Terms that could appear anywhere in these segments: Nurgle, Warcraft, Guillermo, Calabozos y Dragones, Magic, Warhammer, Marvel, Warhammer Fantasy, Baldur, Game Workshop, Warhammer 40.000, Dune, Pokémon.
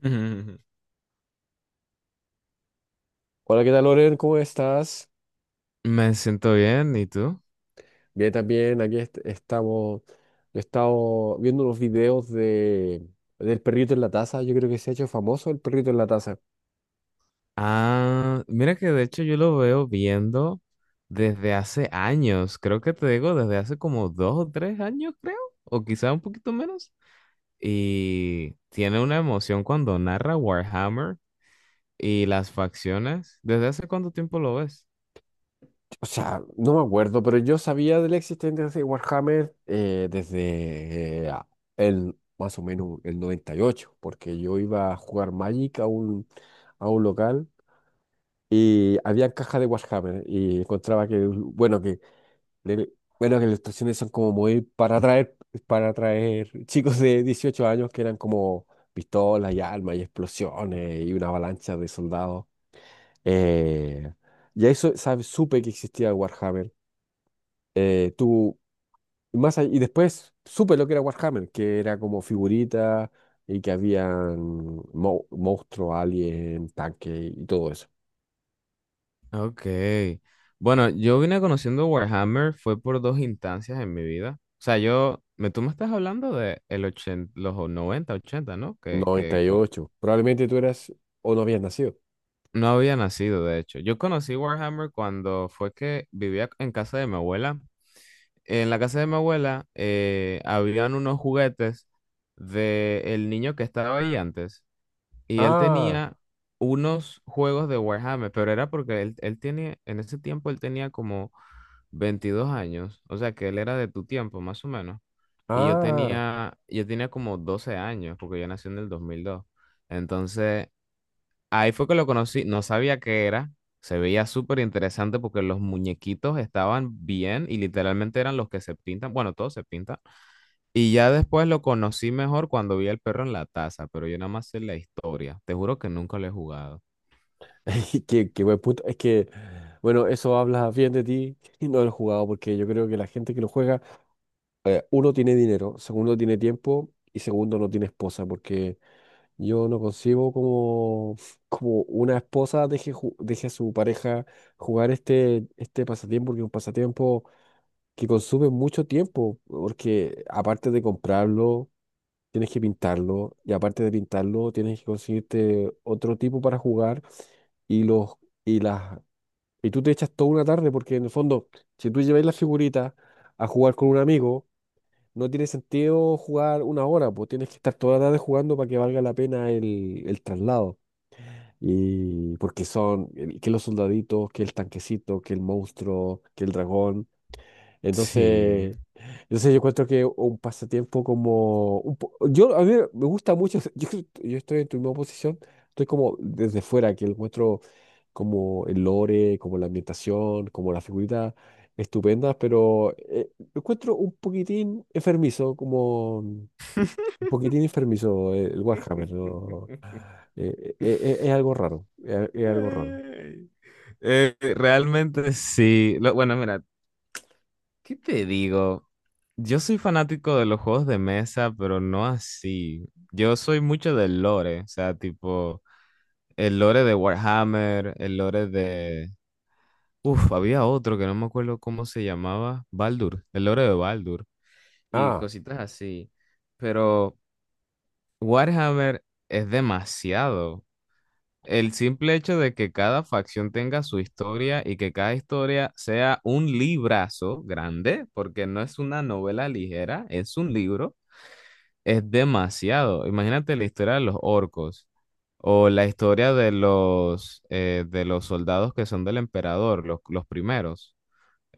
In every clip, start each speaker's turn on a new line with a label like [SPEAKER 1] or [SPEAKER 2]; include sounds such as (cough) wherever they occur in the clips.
[SPEAKER 1] Ujú.
[SPEAKER 2] Hola, ¿qué tal, Loren? ¿Cómo estás?
[SPEAKER 1] Me siento bien, ¿y tú?
[SPEAKER 2] Bien, también. Aquí estamos. He estado viendo unos videos del perrito en la taza. Yo creo que se ha hecho famoso el perrito en la taza.
[SPEAKER 1] Ah, mira que de hecho yo lo veo viendo desde hace años, creo que te digo desde hace como 2 o 3 años, creo, o quizá un poquito menos. Y tiene una emoción cuando narra Warhammer y las facciones. ¿Desde hace cuánto tiempo lo ves?
[SPEAKER 2] O sea, no me acuerdo, pero yo sabía de la existencia de Warhammer desde más o menos el 98, porque yo iba a jugar Magic a a un local y había caja de Warhammer y encontraba que, bueno, del- bueno, que las ilustraciones son como muy para atraer (laughs) chicos de 18 años que eran como pistolas y armas y explosiones y una avalancha de soldados. Eh, y eso, ¿sabes? Supe que existía Warhammer. Tú, y después supe lo que era Warhammer, que era como figuritas y que habían monstruos, alien, tanques y todo eso.
[SPEAKER 1] Ok. Bueno, yo vine conociendo Warhammer fue por dos instancias en mi vida. O sea, tú me estás hablando de el 80, los 90 80, ¿no?
[SPEAKER 2] noventa y ocho Probablemente tú eras o no habías nacido.
[SPEAKER 1] No había nacido, de hecho. Yo conocí Warhammer cuando fue que vivía en casa de mi abuela. En la casa de mi abuela habían unos juguetes de el niño que estaba ahí antes. Y él
[SPEAKER 2] Ah,
[SPEAKER 1] tenía unos juegos de Warhammer, pero era porque él tiene, en ese tiempo él tenía como 22 años. O sea que él era de tu tiempo, más o menos. Y yo
[SPEAKER 2] ah.
[SPEAKER 1] tenía, yo tenía como 12 años, porque yo nací en el dos mil dos. Entonces. Ahí fue que lo conocí, no sabía qué era, se veía súper interesante porque los muñequitos estaban bien y literalmente eran los que se pintan, bueno, todos se pintan. Y ya después lo conocí mejor cuando vi al perro en la taza, pero yo nada más sé la historia, te juro que nunca lo he jugado.
[SPEAKER 2] (laughs) Qué, qué buen punto. Es que, bueno, eso habla bien de ti (laughs) y no del jugado, porque yo creo que la gente que lo juega, uno tiene dinero, segundo tiene tiempo y segundo no tiene esposa, porque yo no concibo como, (laughs) como una esposa deje, deje a su pareja jugar este pasatiempo, porque es un pasatiempo que consume mucho tiempo, porque aparte de comprarlo, tienes que pintarlo y aparte de pintarlo, tienes que conseguirte otro tipo para jugar y los... Y las y tú te echas toda una tarde porque en el fondo, si tú lleváis las figuritas a jugar con un amigo, no tiene sentido jugar una hora, pues tienes que estar toda la tarde jugando para que valga la pena el traslado. Y porque son que los soldaditos, que el tanquecito, que el monstruo, que el dragón.
[SPEAKER 1] Sí.
[SPEAKER 2] Entonces, entonces yo encuentro que un pasatiempo como... a mí me gusta mucho, (laughs) yo estoy en tu misma posición, estoy como desde fuera, que encuentro como el lore, como la ambientación, como las figuritas estupendas, pero lo encuentro un poquitín enfermizo, como un poquitín enfermizo el Warhammer, ¿no?
[SPEAKER 1] (laughs)
[SPEAKER 2] Es algo raro, es algo raro.
[SPEAKER 1] Ay. Realmente sí. Bueno, mira, ¿qué te digo? Yo soy fanático de los juegos de mesa, pero no así. Yo soy mucho del lore, o sea, tipo el lore de Warhammer, el lore de. Uf, había otro que no me acuerdo cómo se llamaba, Baldur, el lore de Baldur y
[SPEAKER 2] Ah,
[SPEAKER 1] cositas así. Pero Warhammer es demasiado, el simple hecho de que cada facción tenga su historia y que cada historia sea un librazo grande, porque no es una novela ligera, es un libro, es demasiado. Imagínate la historia de los orcos o la historia de de los soldados que son del emperador, los primeros.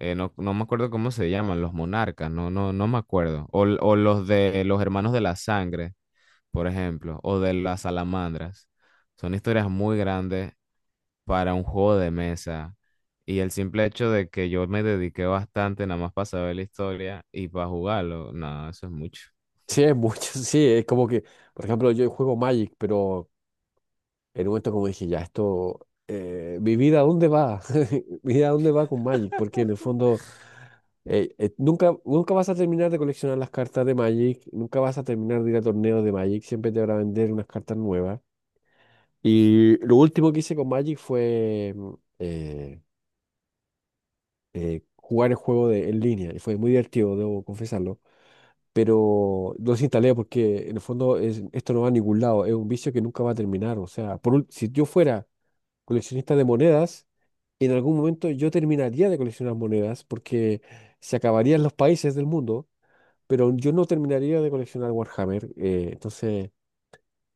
[SPEAKER 1] No, no me acuerdo cómo se llaman, los monarcas, no, no, no me acuerdo. O los de los hermanos de la sangre, por ejemplo, o de las salamandras. Son historias muy grandes para un juego de mesa. Y el simple hecho de que yo me dediqué bastante nada más para saber la historia y para jugarlo, no, eso es mucho.
[SPEAKER 2] sí, es mucho, (laughs) sí, es como que, por ejemplo, yo juego Magic, pero... En un momento como dije, ya, esto, mi vida, ¿a dónde va? (laughs) Mi vida, ¿a dónde va con Magic? Porque en el fondo, nunca vas a terminar de coleccionar las cartas de Magic, nunca vas a terminar de ir a torneos de Magic, siempre te van a vender unas cartas nuevas. Y lo último que hice con Magic fue eh, jugar el juego en línea, y fue muy divertido, debo confesarlo. Pero lo desinstalé porque en el fondo esto no va a ningún lado, es un vicio que nunca va a terminar. O sea, si yo fuera coleccionista de monedas, en algún momento yo terminaría de coleccionar monedas porque se acabarían los países del mundo, pero yo no terminaría de coleccionar Warhammer. Entonces,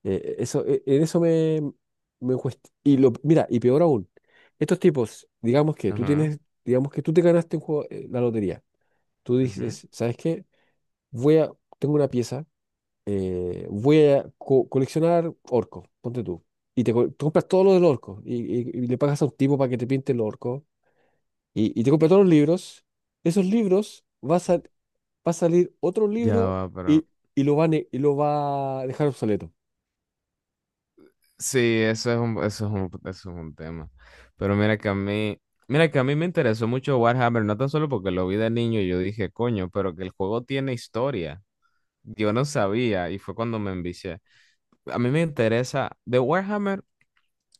[SPEAKER 2] eso, en eso me cuesta. Mira, y peor aún, estos tipos,
[SPEAKER 1] Ajá,
[SPEAKER 2] digamos que tú te ganaste un juego, la lotería. Tú
[SPEAKER 1] ujú.
[SPEAKER 2] dices, ¿sabes qué? Voy a, tengo una pieza, voy a coleccionar orcos, ponte tú. Compras todo lo del orco y le pagas a un tipo para que te pinte el orco y te compras todos los libros, esos libros va a, sal- va a salir otro
[SPEAKER 1] Ya
[SPEAKER 2] libro
[SPEAKER 1] va, pero
[SPEAKER 2] y, y lo y lo va a dejar obsoleto.
[SPEAKER 1] sí, eso es un, eso es un, eso es un tema. Pero mira que a mí me interesó mucho Warhammer, no tan solo porque lo vi de niño y yo dije, coño, pero que el juego tiene historia. Yo no sabía y fue cuando me envicié. A mí me interesa de Warhammer.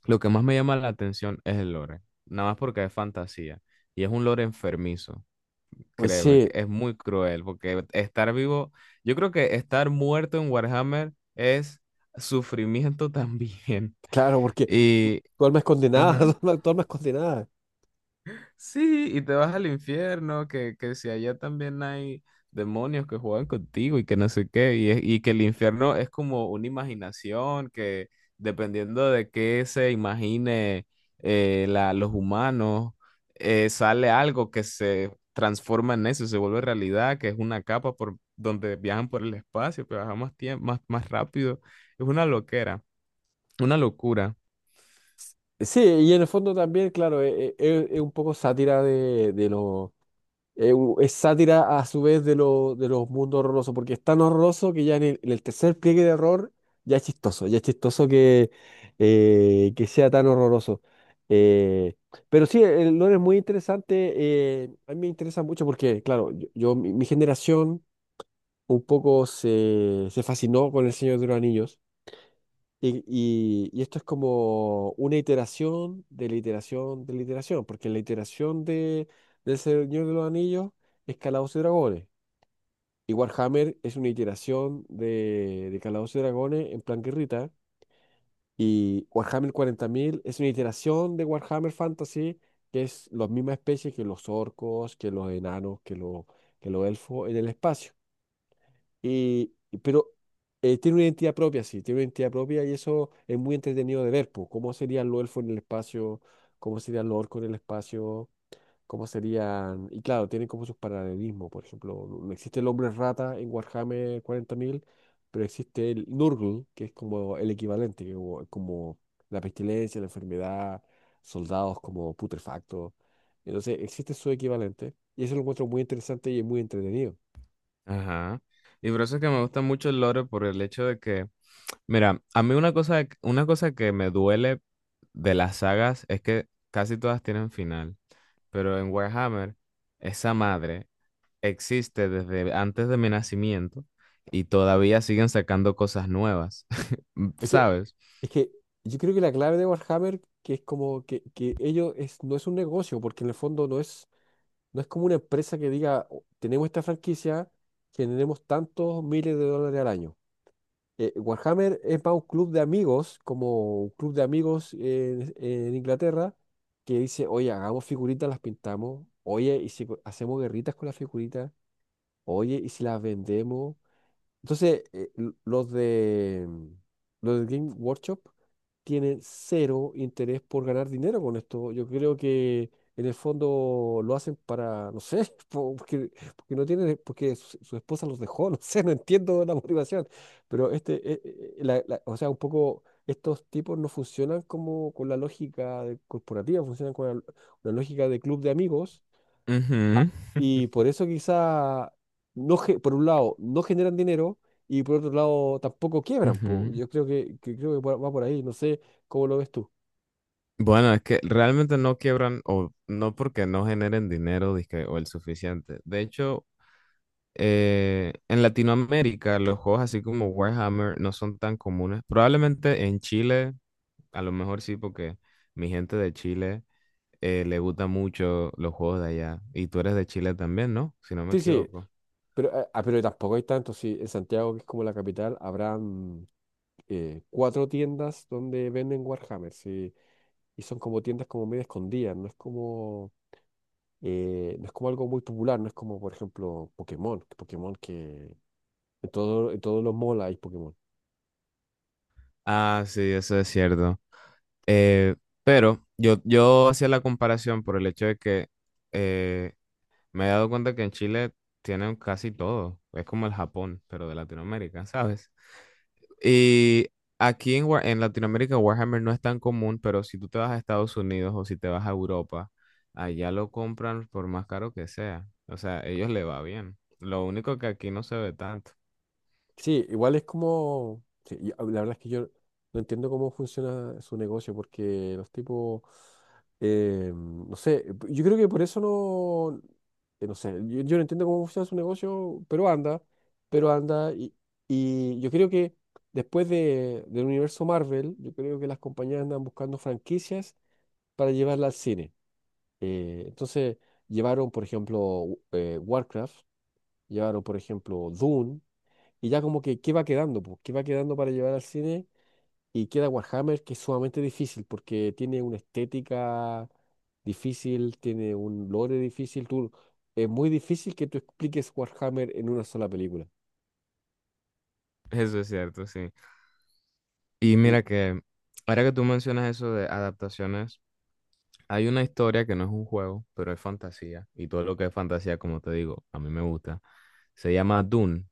[SPEAKER 1] Lo que más me llama la atención es el lore, nada más porque es fantasía y es un lore enfermizo,
[SPEAKER 2] Pues
[SPEAKER 1] créeme, que
[SPEAKER 2] sí,
[SPEAKER 1] es muy cruel porque estar vivo, yo creo que estar muerto en Warhammer es sufrimiento también.
[SPEAKER 2] claro,
[SPEAKER 1] (laughs)
[SPEAKER 2] porque
[SPEAKER 1] Y,
[SPEAKER 2] tu alma es condenada,
[SPEAKER 1] ajá.
[SPEAKER 2] (laughs) tu alma es condenada.
[SPEAKER 1] Sí, y te vas al infierno, que si allá también hay demonios que juegan contigo y que no sé qué, y que el infierno es como una imaginación que dependiendo de qué se imagine los humanos, sale algo que se transforma en eso, se vuelve realidad, que es una capa por donde viajan por el espacio, pero viajan más tiempo, más, más rápido. Es una loquera, una locura.
[SPEAKER 2] Sí, y en el fondo también, claro, un poco sátira es sátira a su vez de los mundos horrorosos, porque es tan horroroso que ya en en el tercer pliegue de horror ya es chistoso que sea tan horroroso. Eh, pero sí, el lore es muy interesante, a mí me interesa mucho porque, claro, mi generación un poco se fascinó con El Señor de los Anillos. Y esto es como una iteración de la iteración de la iteración, porque la iteración del Señor de los Anillos es Calabozos y Dragones. Y Warhammer es una iteración de Calabozos y Dragones en plan guerrita. Y Warhammer 40.000 es una iteración de Warhammer Fantasy, que es la misma especie que los orcos, que los enanos, que los elfos en el espacio. Pero tiene una identidad propia, sí, tiene una identidad propia y eso es muy entretenido de ver, pues, cómo serían los elfos en el espacio, cómo serían los orcos en el espacio, cómo serían... Y claro, tienen como sus paralelismos, por ejemplo, no existe el hombre rata en Warhammer 40.000, pero existe el Nurgle, que es como el equivalente, como la pestilencia, la enfermedad, soldados como putrefactos. Entonces, existe su equivalente y eso lo encuentro muy interesante y es muy entretenido.
[SPEAKER 1] Ajá. Y por eso es que me gusta mucho el lore, por el hecho de que. Mira, a mí una cosa que me duele de las sagas es que casi todas tienen final, pero en Warhammer esa madre existe desde antes de mi nacimiento y todavía siguen sacando cosas nuevas, (laughs)
[SPEAKER 2] es que
[SPEAKER 1] ¿sabes?
[SPEAKER 2] Es que yo creo que la clave de Warhammer, que ello es, no es un negocio, porque en el fondo no es como una empresa que diga, "Oh, tenemos esta franquicia, generemos tantos miles de dólares al año". Warhammer es más un club de amigos, como un club de amigos en Inglaterra, que dice, oye, hagamos figuritas, las pintamos, oye, y si hacemos guerritas con las figuritas, oye, y si las vendemos. Los de los de Game Workshop tienen cero interés por ganar dinero con esto. Yo creo que en el fondo lo hacen para, no sé, (laughs) porque no tienen, porque su esposa los dejó, (laughs) no sé, no entiendo la motivación. Pero este, o sea, un poco estos tipos no funcionan como con la lógica corporativa, funcionan con la lógica de club de amigos
[SPEAKER 1] Ujú,
[SPEAKER 2] y por eso quizá, no, ge- por un lado, no generan dinero y por otro lado tampoco quiebran, po.
[SPEAKER 1] ujú.
[SPEAKER 2] Yo creo que creo que va por ahí, no sé cómo lo ves tú.
[SPEAKER 1] Bueno, es que realmente no quiebran o no porque no generen dinero dizque, o el suficiente. De hecho, en Latinoamérica los juegos así como Warhammer no son tan comunes. Probablemente en Chile, a lo mejor sí, porque mi gente de Chile le gusta mucho los juegos de allá. Y tú eres de Chile también, ¿no? Si no me
[SPEAKER 2] Sí, sí,
[SPEAKER 1] equivoco.
[SPEAKER 2] pero, pero tampoco hay tanto. Sí, en Santiago, que es como la capital, habrán cuatro tiendas donde venden Warhammer, sí, y son como tiendas como medio escondidas, no es como, no es como algo muy popular, no es como, por ejemplo, Pokémon que en todos los malls hay Pokémon.
[SPEAKER 1] Ah, sí, eso es cierto. Eh, pero yo hacía la comparación por el hecho de que eh, me he dado cuenta que en Chile tienen casi todo. Es como el Japón, pero de Latinoamérica, ¿sabes? Y aquí en Latinoamérica Warhammer no es tan común, pero si tú te vas a Estados Unidos o si te vas a Europa, allá lo compran por más caro que sea. O sea, a ellos le va bien. Lo único que aquí no se ve tanto.
[SPEAKER 2] Sí, igual es como, sí, la verdad es que yo no entiendo cómo funciona su negocio, porque los tipos, no sé, yo creo que por eso no, no sé, yo no entiendo cómo funciona su negocio, pero anda, y yo creo que después del universo Marvel, yo creo que las compañías andan buscando franquicias para llevarla al cine. Entonces, llevaron, por ejemplo, Warcraft, llevaron, por ejemplo, Dune, y ya como que, ¿qué va quedando? Pues? ¿Qué va quedando para llevar al cine? Y queda Warhammer, que es sumamente difícil, porque tiene una estética difícil, tiene un lore difícil. Tú, es muy difícil que tú expliques Warhammer en una sola película.
[SPEAKER 1] (laughs) Eso es cierto, sí. Y
[SPEAKER 2] Y,
[SPEAKER 1] mira que ahora que tú mencionas eso de adaptaciones, hay una historia que no es un juego, pero es fantasía. Y todo lo que es fantasía, como te digo, a mí me gusta. Se llama Dune.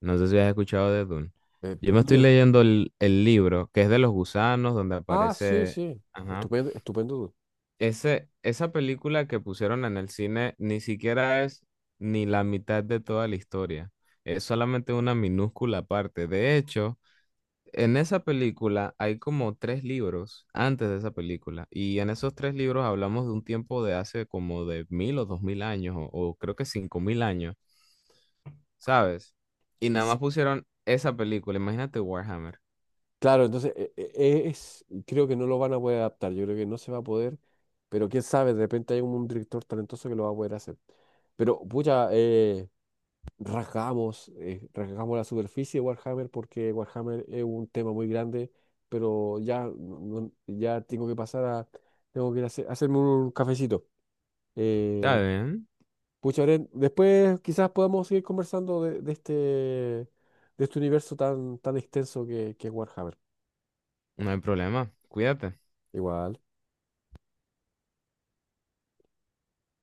[SPEAKER 1] No sé si has escuchado de Dune.
[SPEAKER 2] eh,
[SPEAKER 1] Yo me estoy
[SPEAKER 2] ¿dónde-
[SPEAKER 1] leyendo el libro, que es de los gusanos, donde
[SPEAKER 2] Ah, sí,
[SPEAKER 1] aparece.
[SPEAKER 2] sí.
[SPEAKER 1] Ajá.
[SPEAKER 2] Estupendo, estupendo.
[SPEAKER 1] Esa película que pusieron en el cine ni siquiera es ni la mitad de toda la historia. Es solamente una minúscula parte. De hecho, en esa película hay como tres libros antes de esa película. Y en esos tres libros hablamos de un tiempo de hace como de 1.000 o 2.000 años, o creo que 5.000 años. ¿Sabes? Y nada más
[SPEAKER 2] Sí,
[SPEAKER 1] pusieron esa película. Imagínate Warhammer.
[SPEAKER 2] claro, entonces creo que no lo van a poder adaptar, yo creo que no se va a poder, pero quién sabe, de repente hay un director talentoso que lo va a poder hacer. Pero, pucha, rasgamos, rasgamos la superficie de Warhammer porque Warhammer es un tema muy grande, pero ya, ya tengo tengo que ir a hacerme un cafecito.
[SPEAKER 1] Está
[SPEAKER 2] Eh,
[SPEAKER 1] bien,
[SPEAKER 2] pucha, Oren, después quizás podamos seguir conversando de este universo tan, tan extenso que es Warhammer.
[SPEAKER 1] no hay problema. Cuídate.
[SPEAKER 2] Igual.